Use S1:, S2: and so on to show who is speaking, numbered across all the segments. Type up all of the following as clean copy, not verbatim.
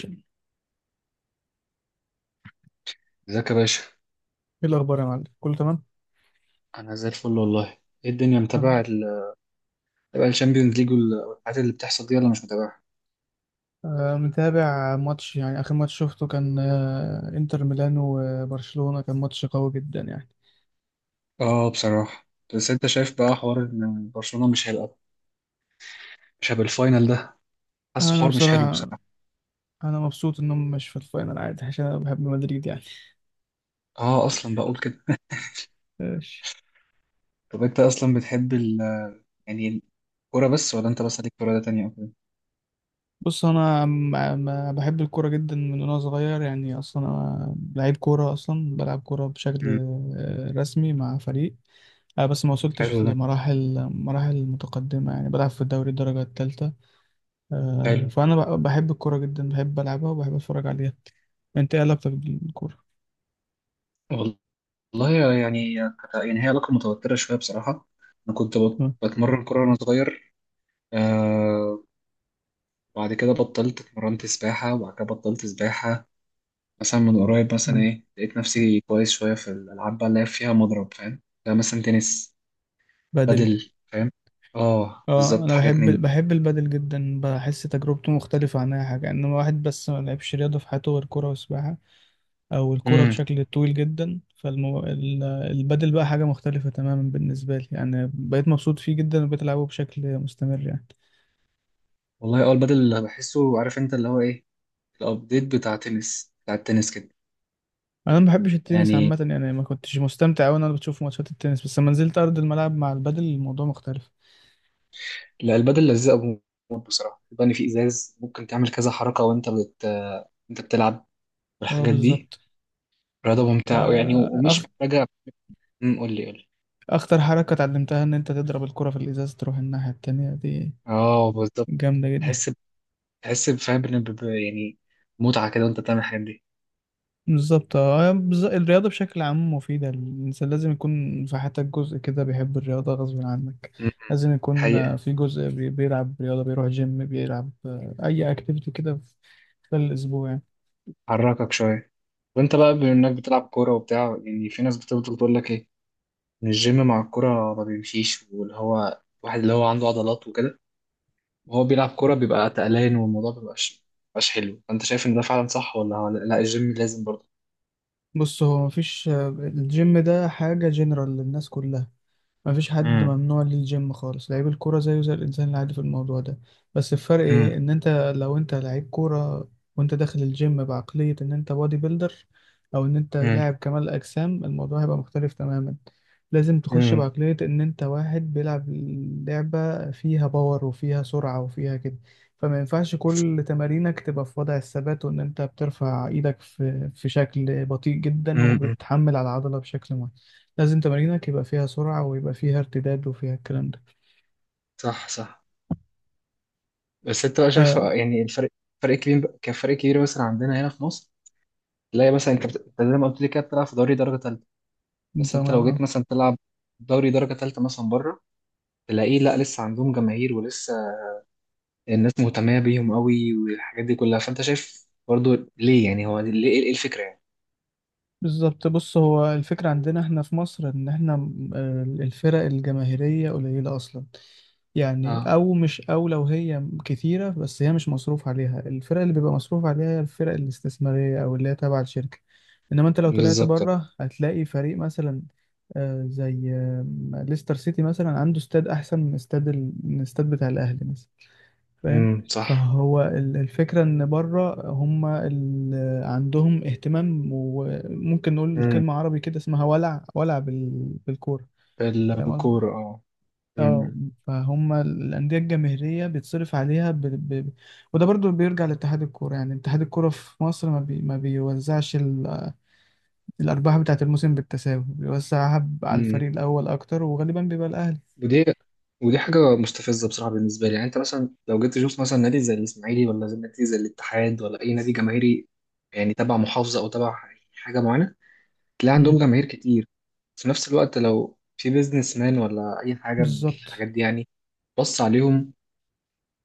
S1: ايه.
S2: ازيك يا باشا.
S1: الاخبار يا معلم، كله تمام؟
S2: انا زي الفل والله. ايه الدنيا،
S1: الحمد
S2: متابع
S1: لله.
S2: متابع الشامبيونز ليج والحاجات اللي بتحصل دي، ولا مش متابعها؟
S1: متابع ماتش، يعني اخر ماتش شفته كان انتر ميلان وبرشلونة، كان ماتش قوي جدا يعني.
S2: اه بصراحه، بس انت شايف بقى حوار ان برشلونه مش هيبقى الفاينل ده؟ حاسه
S1: انا
S2: حوار مش حلو
S1: بصراحة،
S2: بصراحه.
S1: انا مبسوط انهم مش في الفاينل، عادي، عشان انا بحب مدريد يعني.
S2: اه اصلا بقول كده.
S1: ماشي.
S2: طب انت اصلا بتحب يعني الكوره بس، ولا انت بس ليك في رياضه تانية او كده؟
S1: بص، بحب الكوره جدا من وانا صغير يعني، اصلا انا لعيب كوره، اصلا بلعب كوره بشكل
S2: امم
S1: رسمي مع فريق. بس ما
S2: حلو
S1: وصلتش
S2: ده.
S1: لمراحل متقدمه يعني، بلعب في الدوري الدرجه الثالثه.
S2: حلو.
S1: فأنا بحب الكورة جدا، بحب ألعبها وبحب أتفرج عليها. أنت إيه علاقتك بالكورة؟
S2: والله يعني هي علاقه متوتره شويه بصراحه. انا كنت
S1: تمام.
S2: بتمرن كوره وانا صغير. آه، وبعد كده بطلت، اتمرنت سباحة وبعد كده بطلت سباحة. مثلا من قريب مثلا
S1: مم.
S2: ايه لقيت نفسي كويس شوية في الألعاب بقى اللي هي فيها مضرب، فاهم؟ زي مثلا تنس،
S1: بدل.
S2: بدل، فاهم؟ اه
S1: اه،
S2: بالظبط،
S1: انا
S2: حاجات
S1: بحب
S2: من دي.
S1: بحب البدل جدا، بحس تجربته مختلفه عن اي حاجه، انما واحد بس ما لعبش رياضه في حياته غير كوره وسباحه، او الكوره
S2: امم
S1: بشكل طويل جدا، البدل بقى حاجه مختلفه تماما بالنسبه لي يعني، بقيت مبسوط فيه جدا وبقيت العبه بشكل مستمر يعني.
S2: والله اه البدل اللي بحسه، عارف انت اللي هو ايه، الأبديت بتاع تنس بتاع التنس كده.
S1: انا ما بحبش التنس
S2: يعني
S1: عامه يعني، ما كنتش مستمتع وانا بشوف ماتشات التنس، بس لما نزلت ارض الملعب مع البدل الموضوع مختلف.
S2: لا البدل لذيذة موت بصراحة. يبقى إن في إزاز ممكن تعمل كذا حركة وأنت أنت بتلعب
S1: اه
S2: والحاجات دي.
S1: بالظبط.
S2: رياضة ممتعة أوي يعني
S1: آه، أخ...
S2: ومش محتاجة. قول لي قول لي.
S1: أخطر حركة اتعلمتها إن أنت تضرب الكرة في الإزاز تروح الناحية التانية دي.
S2: اه بالظبط.
S1: جامدة جدا.
S2: تحس، تحس فاهم إن يعني متعة كده وأنت بتعمل الحاجات دي.
S1: بالظبط. الرياضة بشكل عام مفيدة، الإنسان لازم يكون في حياتك جزء كده بيحب الرياضة غصب عنك.
S2: م- م.
S1: لازم يكون
S2: حقيقة،
S1: في جزء بيلعب رياضة، بيروح جيم، بيلعب أي أكتيفيتي كده في في الأسبوع يعني.
S2: حركك شوية. وأنت بقى بما إنك بتلعب كورة وبتاع، يعني في ناس بتفضل تقول لك إيه، إن الجيم مع الكورة ما بيمشيش، واللي هو واحد اللي هو عنده عضلات وكده وهو بيلعب كورة بيبقى تقلان والموضوع مبيبقاش حلو. أنت شايف إن ده فعلا صح، ولا ولا لا الجيم لازم برضه؟
S1: بص، هو مفيش، الجيم ده حاجة جنرال للناس كلها، مفيش حد
S2: م-
S1: ممنوع ليه الجيم خالص. لعيب الكورة زيه زي الإنسان العادي في الموضوع ده. بس الفرق إيه؟
S2: م-
S1: إن أنت، لو أنت لعيب كورة وأنت داخل الجيم بعقلية إن أنت بودي بيلدر، أو إن أنت
S2: امم
S1: لاعب كمال أجسام، الموضوع هيبقى مختلف تماما. لازم تخش
S2: امم
S1: بعقلية إن أنت واحد بيلعب لعبة فيها باور وفيها سرعة وفيها كده. فما ينفعش كل تمارينك تبقى في وضع الثبات، وإن أنت بترفع إيدك في في شكل بطيء جدا
S2: م- م.
S1: وبتحمل على العضلة بشكل معين. لازم تمارينك يبقى فيها سرعة ويبقى فيها ارتداد وفيها الكلام ده.
S2: صح صح. بس انت بقى شايف
S1: آه.
S2: يعني الفرق، فرق كبير كان فرق كبير مثلا عندنا هنا في مصر. تلاقي مثلا انت أنت زي ما قلت لي كده بتلعب في دوري درجه ثالثه، بس انت
S1: تمام.
S2: لو
S1: اه
S2: جيت مثلا تلعب دوري درجه ثالثه مثلا بره، تلاقيه لا لسه عندهم جماهير ولسه الناس مهتمه بيهم قوي والحاجات دي كلها. فانت شايف برضو ليه، يعني هو ليه، ايه الفكره يعني؟
S1: بالظبط. بص، هو الفكرة عندنا احنا في مصر ان احنا الفرق الجماهيرية قليلة اصلا يعني،
S2: اه
S1: او مش، او لو هي كتيرة بس هي مش مصروف عليها. الفرق اللي بيبقى مصروف عليها هي الفرق الاستثمارية، او اللي هي تابعة للشركة. انما انت لو طلعت
S2: بالظبط.
S1: بره هتلاقي فريق مثلا، آه، زي آه، ليستر سيتي مثلا، عنده استاد احسن من استاد من الاستاد بتاع الاهلي مثلا. فاهم؟
S2: صح.
S1: فهو الفكرة إن بره هم عندهم اهتمام، وممكن نقول
S2: امم.
S1: كلمة عربي كده اسمها ولع، ولع بالكورة. فاهم قصدي؟
S2: بالكوره اه.
S1: اه.
S2: امم.
S1: فهم الأندية الجماهيرية بيتصرف عليها وده برضو بيرجع لاتحاد الكورة يعني. اتحاد الكورة في مصر، ما بيوزعش الأرباح بتاعة الموسم بالتساوي، بيوزعها على
S2: امم.
S1: الفريق الأول أكتر، وغالبا بيبقى الأهلي.
S2: ودي ودي حاجه مستفزه بصراحه بالنسبه لي. يعني انت مثلا لو جيت تشوف مثلا نادي زي الاسماعيلي، ولا زي نادي زي الاتحاد، ولا اي نادي جماهيري يعني تبع محافظه او تبع حاجه معينه، تلاقي
S1: مم.
S2: عندهم جماهير كتير. في نفس الوقت لو في بيزنس مان ولا أي حاجة من
S1: بالظبط.
S2: الحاجات دي، يعني بص عليهم.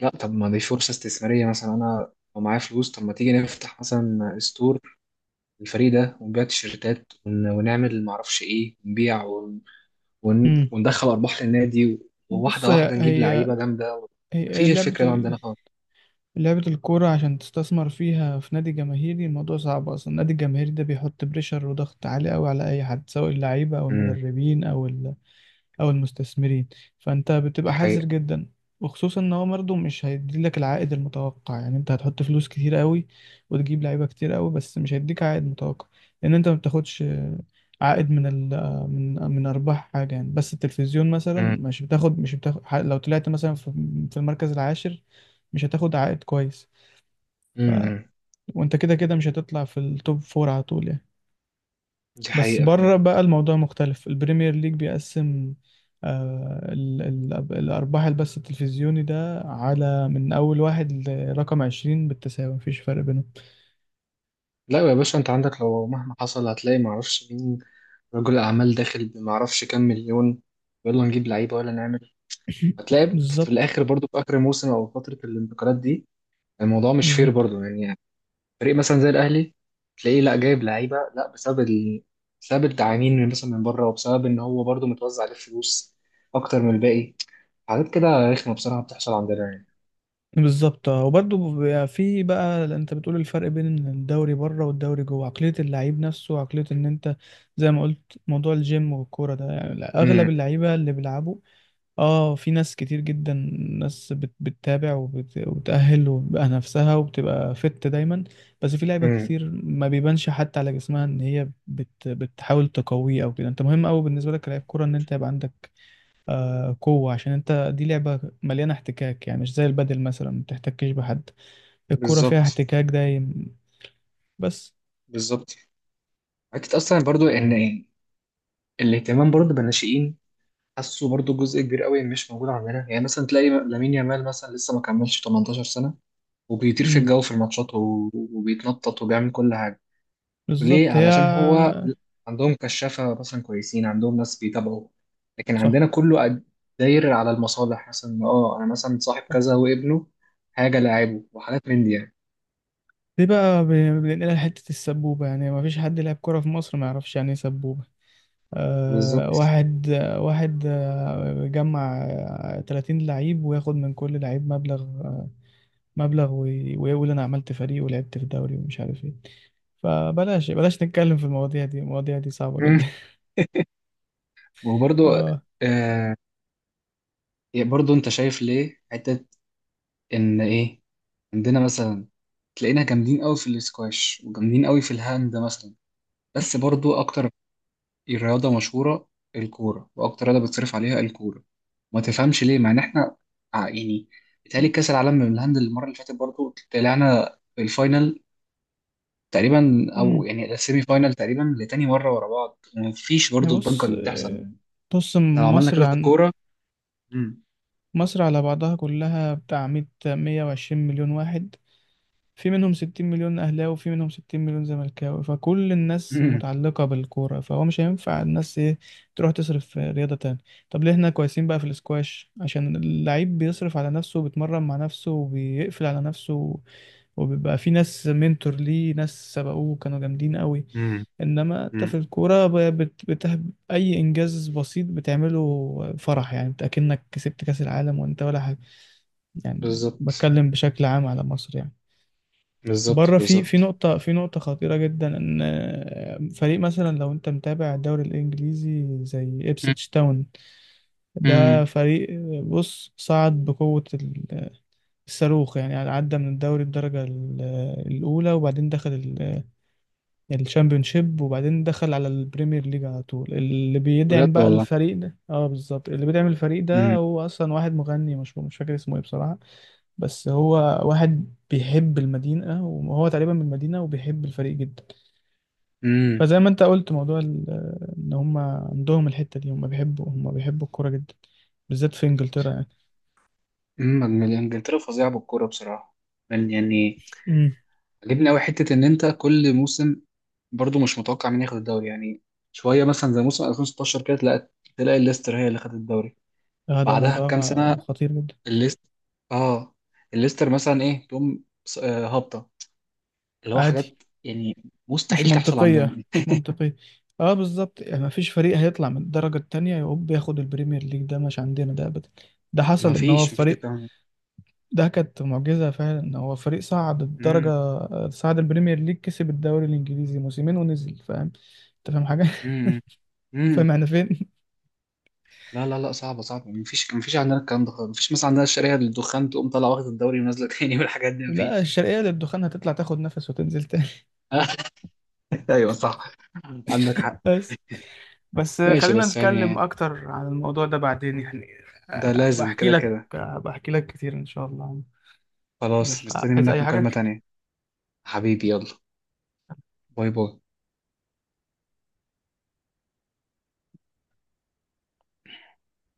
S2: لا طب ما دي فرصة استثمارية. مثلا أنا لو معايا فلوس، طب ما تيجي نفتح مثلا ستور الفريق ده ونبيع تيشيرتات ونعمل معرفش إيه، نبيع
S1: مم.
S2: وندخل أرباح للنادي.
S1: بص،
S2: وواحدة
S1: هي
S2: واحدة نجيب
S1: هي
S2: لعيبة جامدة.
S1: هي
S2: مفيش
S1: لعبة
S2: الفكرة دي عندنا خالص.
S1: لعبة الكورة عشان تستثمر فيها في نادي جماهيري، الموضوع صعب أصلا. النادي الجماهيري ده بيحط بريشر وضغط عالي أوي على أي حد، سواء اللعيبة أو
S2: امم.
S1: المدربين أو المستثمرين. فأنت
S2: دي
S1: بتبقى
S2: حقيقة.
S1: حذر جدا، وخصوصا إن هو برضه مش هيديلك العائد المتوقع يعني. أنت هتحط فلوس كتير أوي وتجيب لعيبة كتير أوي، بس مش هيديك عائد متوقع، لأن أنت ما بتاخدش عائد من ال من من أرباح حاجة يعني. بس التلفزيون
S2: امم.
S1: مثلا، مش بتاخد لو طلعت مثلا في في المركز العاشر، مش هتاخد عائد كويس.
S2: امم.
S1: وانت كده كده مش هتطلع في التوب فور على طول يعني.
S2: دي
S1: بس
S2: حقيقة
S1: بره
S2: فعلا.
S1: بقى الموضوع مختلف، البريمير ليج بيقسم آه ال ال الأرباح، البث التلفزيوني ده، على من أول واحد لرقم عشرين بالتساوي، مفيش فرق بينهم.
S2: لا يا باشا انت عندك لو مهما حصل هتلاقي معرفش مين، رجل اعمال داخل بمعرفش كام مليون، يلا نجيب لعيبه ولا نعمل. هتلاقي في
S1: بالظبط،
S2: الاخر برضو في اخر الموسم او فتره الانتقالات دي، الموضوع مش فير
S1: بالظبط،
S2: برضو يعني. فريق مثلا زي الاهلي، تلاقيه لا جايب لعيبه لا بسبب بسبب التعامين من مثلا من بره، وبسبب ان هو برضو متوزع عليه فلوس اكتر من الباقي. حاجات كده رخمه بصراحه بتحصل عندنا يعني.
S1: بالظبط. اه وبرضه بيبقى في بقى، انت بتقول الفرق بين الدوري بره والدوري جوه، عقلية اللعيب نفسه وعقلية ان انت، زي ما قلت، موضوع الجيم والكورة ده يعني.
S2: امم.
S1: اغلب اللعيبة اللي بيلعبوا، اه، في ناس كتير جدا، ناس بتتابع وبتأهل وبتبقى نفسها وبتبقى فت دايما. بس في لعيبة
S2: امم.
S1: كتير ما بيبانش حتى على جسمها ان هي بتحاول تقويه او كده. انت مهم قوي بالنسبة لك كلاعب كورة ان انت يبقى عندك قوة، عشان انت دي لعبة مليانة احتكاك يعني، مش زي البادل مثلا ما بتحتكش بحد، الكورة فيها
S2: بالظبط.
S1: احتكاك دايم بس.
S2: بالظبط. حته اصلا برضو ان الاهتمام برضو بالناشئين، حاسه برضو جزء كبير قوي مش موجود عندنا. يعني مثلا تلاقي لامين يامال مثلا لسه ما كملش 18 سنة وبيطير في
S1: امم.
S2: الجو في الماتشات وبيتنطط وبيعمل كل حاجة. ليه؟
S1: بالظبط
S2: علشان هو عندهم كشافة مثلا كويسين، عندهم ناس بيتابعوا. لكن
S1: صح.
S2: عندنا كله داير على المصالح. مثلا اه انا مثلا صاحب كذا وابنه حاجة لاعبه وحاجات من دي يعني.
S1: دي بقى بننقلها لحتة السبوبة يعني. ما فيش حد يلعب كورة في مصر ما يعرفش يعني ايه سبوبة.
S2: بالظبط.
S1: واحد، جمع 30 لعيب وياخد من كل لعيب مبلغ، ويقول انا عملت فريق ولعبت في دوري ومش عارف ايه. فبلاش، بلاش نتكلم في المواضيع دي، المواضيع دي صعبة
S2: مم.
S1: جدا.
S2: وبرضو،
S1: اه.
S2: آه، برضو انت شايف ليه حتة ان ايه عندنا مثلا تلاقينا جامدين قوي في الاسكواش وجامدين قوي في الهاند مثلا. بس برضو اكتر رياضه مشهوره الكوره، واكتر رياضه بتصرف عليها الكوره. ما تفهمش ليه مع ان احنا يعني بيتهيألي كاس العالم من الهاند المره اللي فاتت برضو طلعنا في الفاينل تقريبا، او
S1: امم.
S2: يعني السيمي فاينل تقريبا، لتاني مره ورا بعض وما فيش برضو الضجه
S1: بص
S2: اللي بتحصل.
S1: آه، بص.
S2: احنا لو عملنا
S1: مصر
S2: كده في
S1: عن
S2: الكوره. مم.
S1: مصر على بعضها كلها بتاع 100 120 مليون واحد، في منهم 60 مليون اهلاوي وفي منهم 60 مليون زملكاوي، فكل الناس
S2: مم.
S1: متعلقة بالكورة، فهو مش هينفع الناس ايه، تروح تصرف في رياضة تانية. طب ليه احنا كويسين بقى في الاسكواش؟ عشان اللعيب بيصرف على نفسه وبيتمرن مع نفسه وبيقفل على نفسه، وبيبقى في ناس منتور ليه، ناس سبقوه كانوا جامدين قوي.
S2: مم.
S1: انما انت في
S2: مم.
S1: الكورة اي انجاز بسيط بتعمله فرح يعني، انت اكنك كسبت كاس العالم وانت ولا حاجة، يعني
S2: بالظبط.
S1: بتكلم بشكل عام على مصر يعني.
S2: بالظبط.
S1: بره في
S2: بالظبط.
S1: في نقطة خطيرة جدا، ان فريق مثلا، لو انت متابع الدوري الانجليزي، زي ابسيتش تاون، ده
S2: مم.
S1: فريق، بص صعد بقوة الصاروخ يعني، يعني عدى من الدوري الدرجة الأولى، وبعدين دخل الشامبيونشيب، وبعدين دخل على البريمير ليج على طول. اللي بيدعم
S2: بجد
S1: بقى
S2: والله.
S1: الفريق ده، اه بالظبط، اللي بيدعم الفريق ده هو اصلا واحد مغني مشهور، مش فاكر اسمه ايه بصراحة، بس هو واحد بيحب المدينة وهو تقريبا من المدينة وبيحب الفريق جدا.
S2: مم.
S1: فزي ما انت قلت موضوع ان هم عندهم الحتة دي، هم بيحبوا الكورة جدا، بالذات في انجلترا يعني.
S2: انجلترا فظيعه بالكوره بصراحه. يعني
S1: امم.
S2: عجبني قوي حته ان انت كل موسم برضو مش متوقع مين ياخد الدوري يعني. شويه مثلا زي موسم 2016 كده، تلاقي الليستر هي اللي خدت الدوري.
S1: هذا
S2: بعدها
S1: موضوع
S2: بكام سنه
S1: خطير جدا.
S2: الليستر، اه الليستر مثلا ايه تقوم هابطه، اللي هو
S1: عادي.
S2: حاجات يعني
S1: مش
S2: مستحيل تحصل عندنا.
S1: منطقية مش منطقية اه بالظبط، يعني مفيش فريق هيطلع من الدرجة التانية يقوم ياخد البريمير ليج، ده مش عندنا ده ابدا. ده حصل
S2: ما
S1: ان هو
S2: فيش ما فيش
S1: فريق،
S2: الكلام ده.
S1: ده كانت معجزة فعلا، ان هو فريق صعد الدرجة،
S2: امم.
S1: صعد البريمير ليج، كسب الدوري الانجليزي موسمين ونزل. فاهم؟ انت فاهم حاجة؟
S2: امم. امم.
S1: فاهم احنا فين؟
S2: لا لا لا صعبه صعبه، ما فيش ما فيش عندنا الكلام ده خالص. ما فيش مثلا عندنا الشريحه الدخان تقوم طالعه واخد الدوري ونازله تاني والحاجات دي، ما
S1: لا،
S2: فيش.
S1: الشرقية للدخان هتطلع تاخد نفس وتنزل تاني.
S2: ايوه صح، عندك حق.
S1: بس، بس
S2: ماشي
S1: خلينا
S2: بس
S1: نتكلم
S2: يعني
S1: أكتر عن الموضوع ده بعدين يعني،
S2: ده لازم كده كده.
S1: بحكي لك كتير إن شاء الله.
S2: خلاص،
S1: يلا،
S2: مستني
S1: عايز
S2: منك
S1: أي
S2: مكالمة
S1: حاجة؟
S2: تانية. حبيبي يلا. باي باي.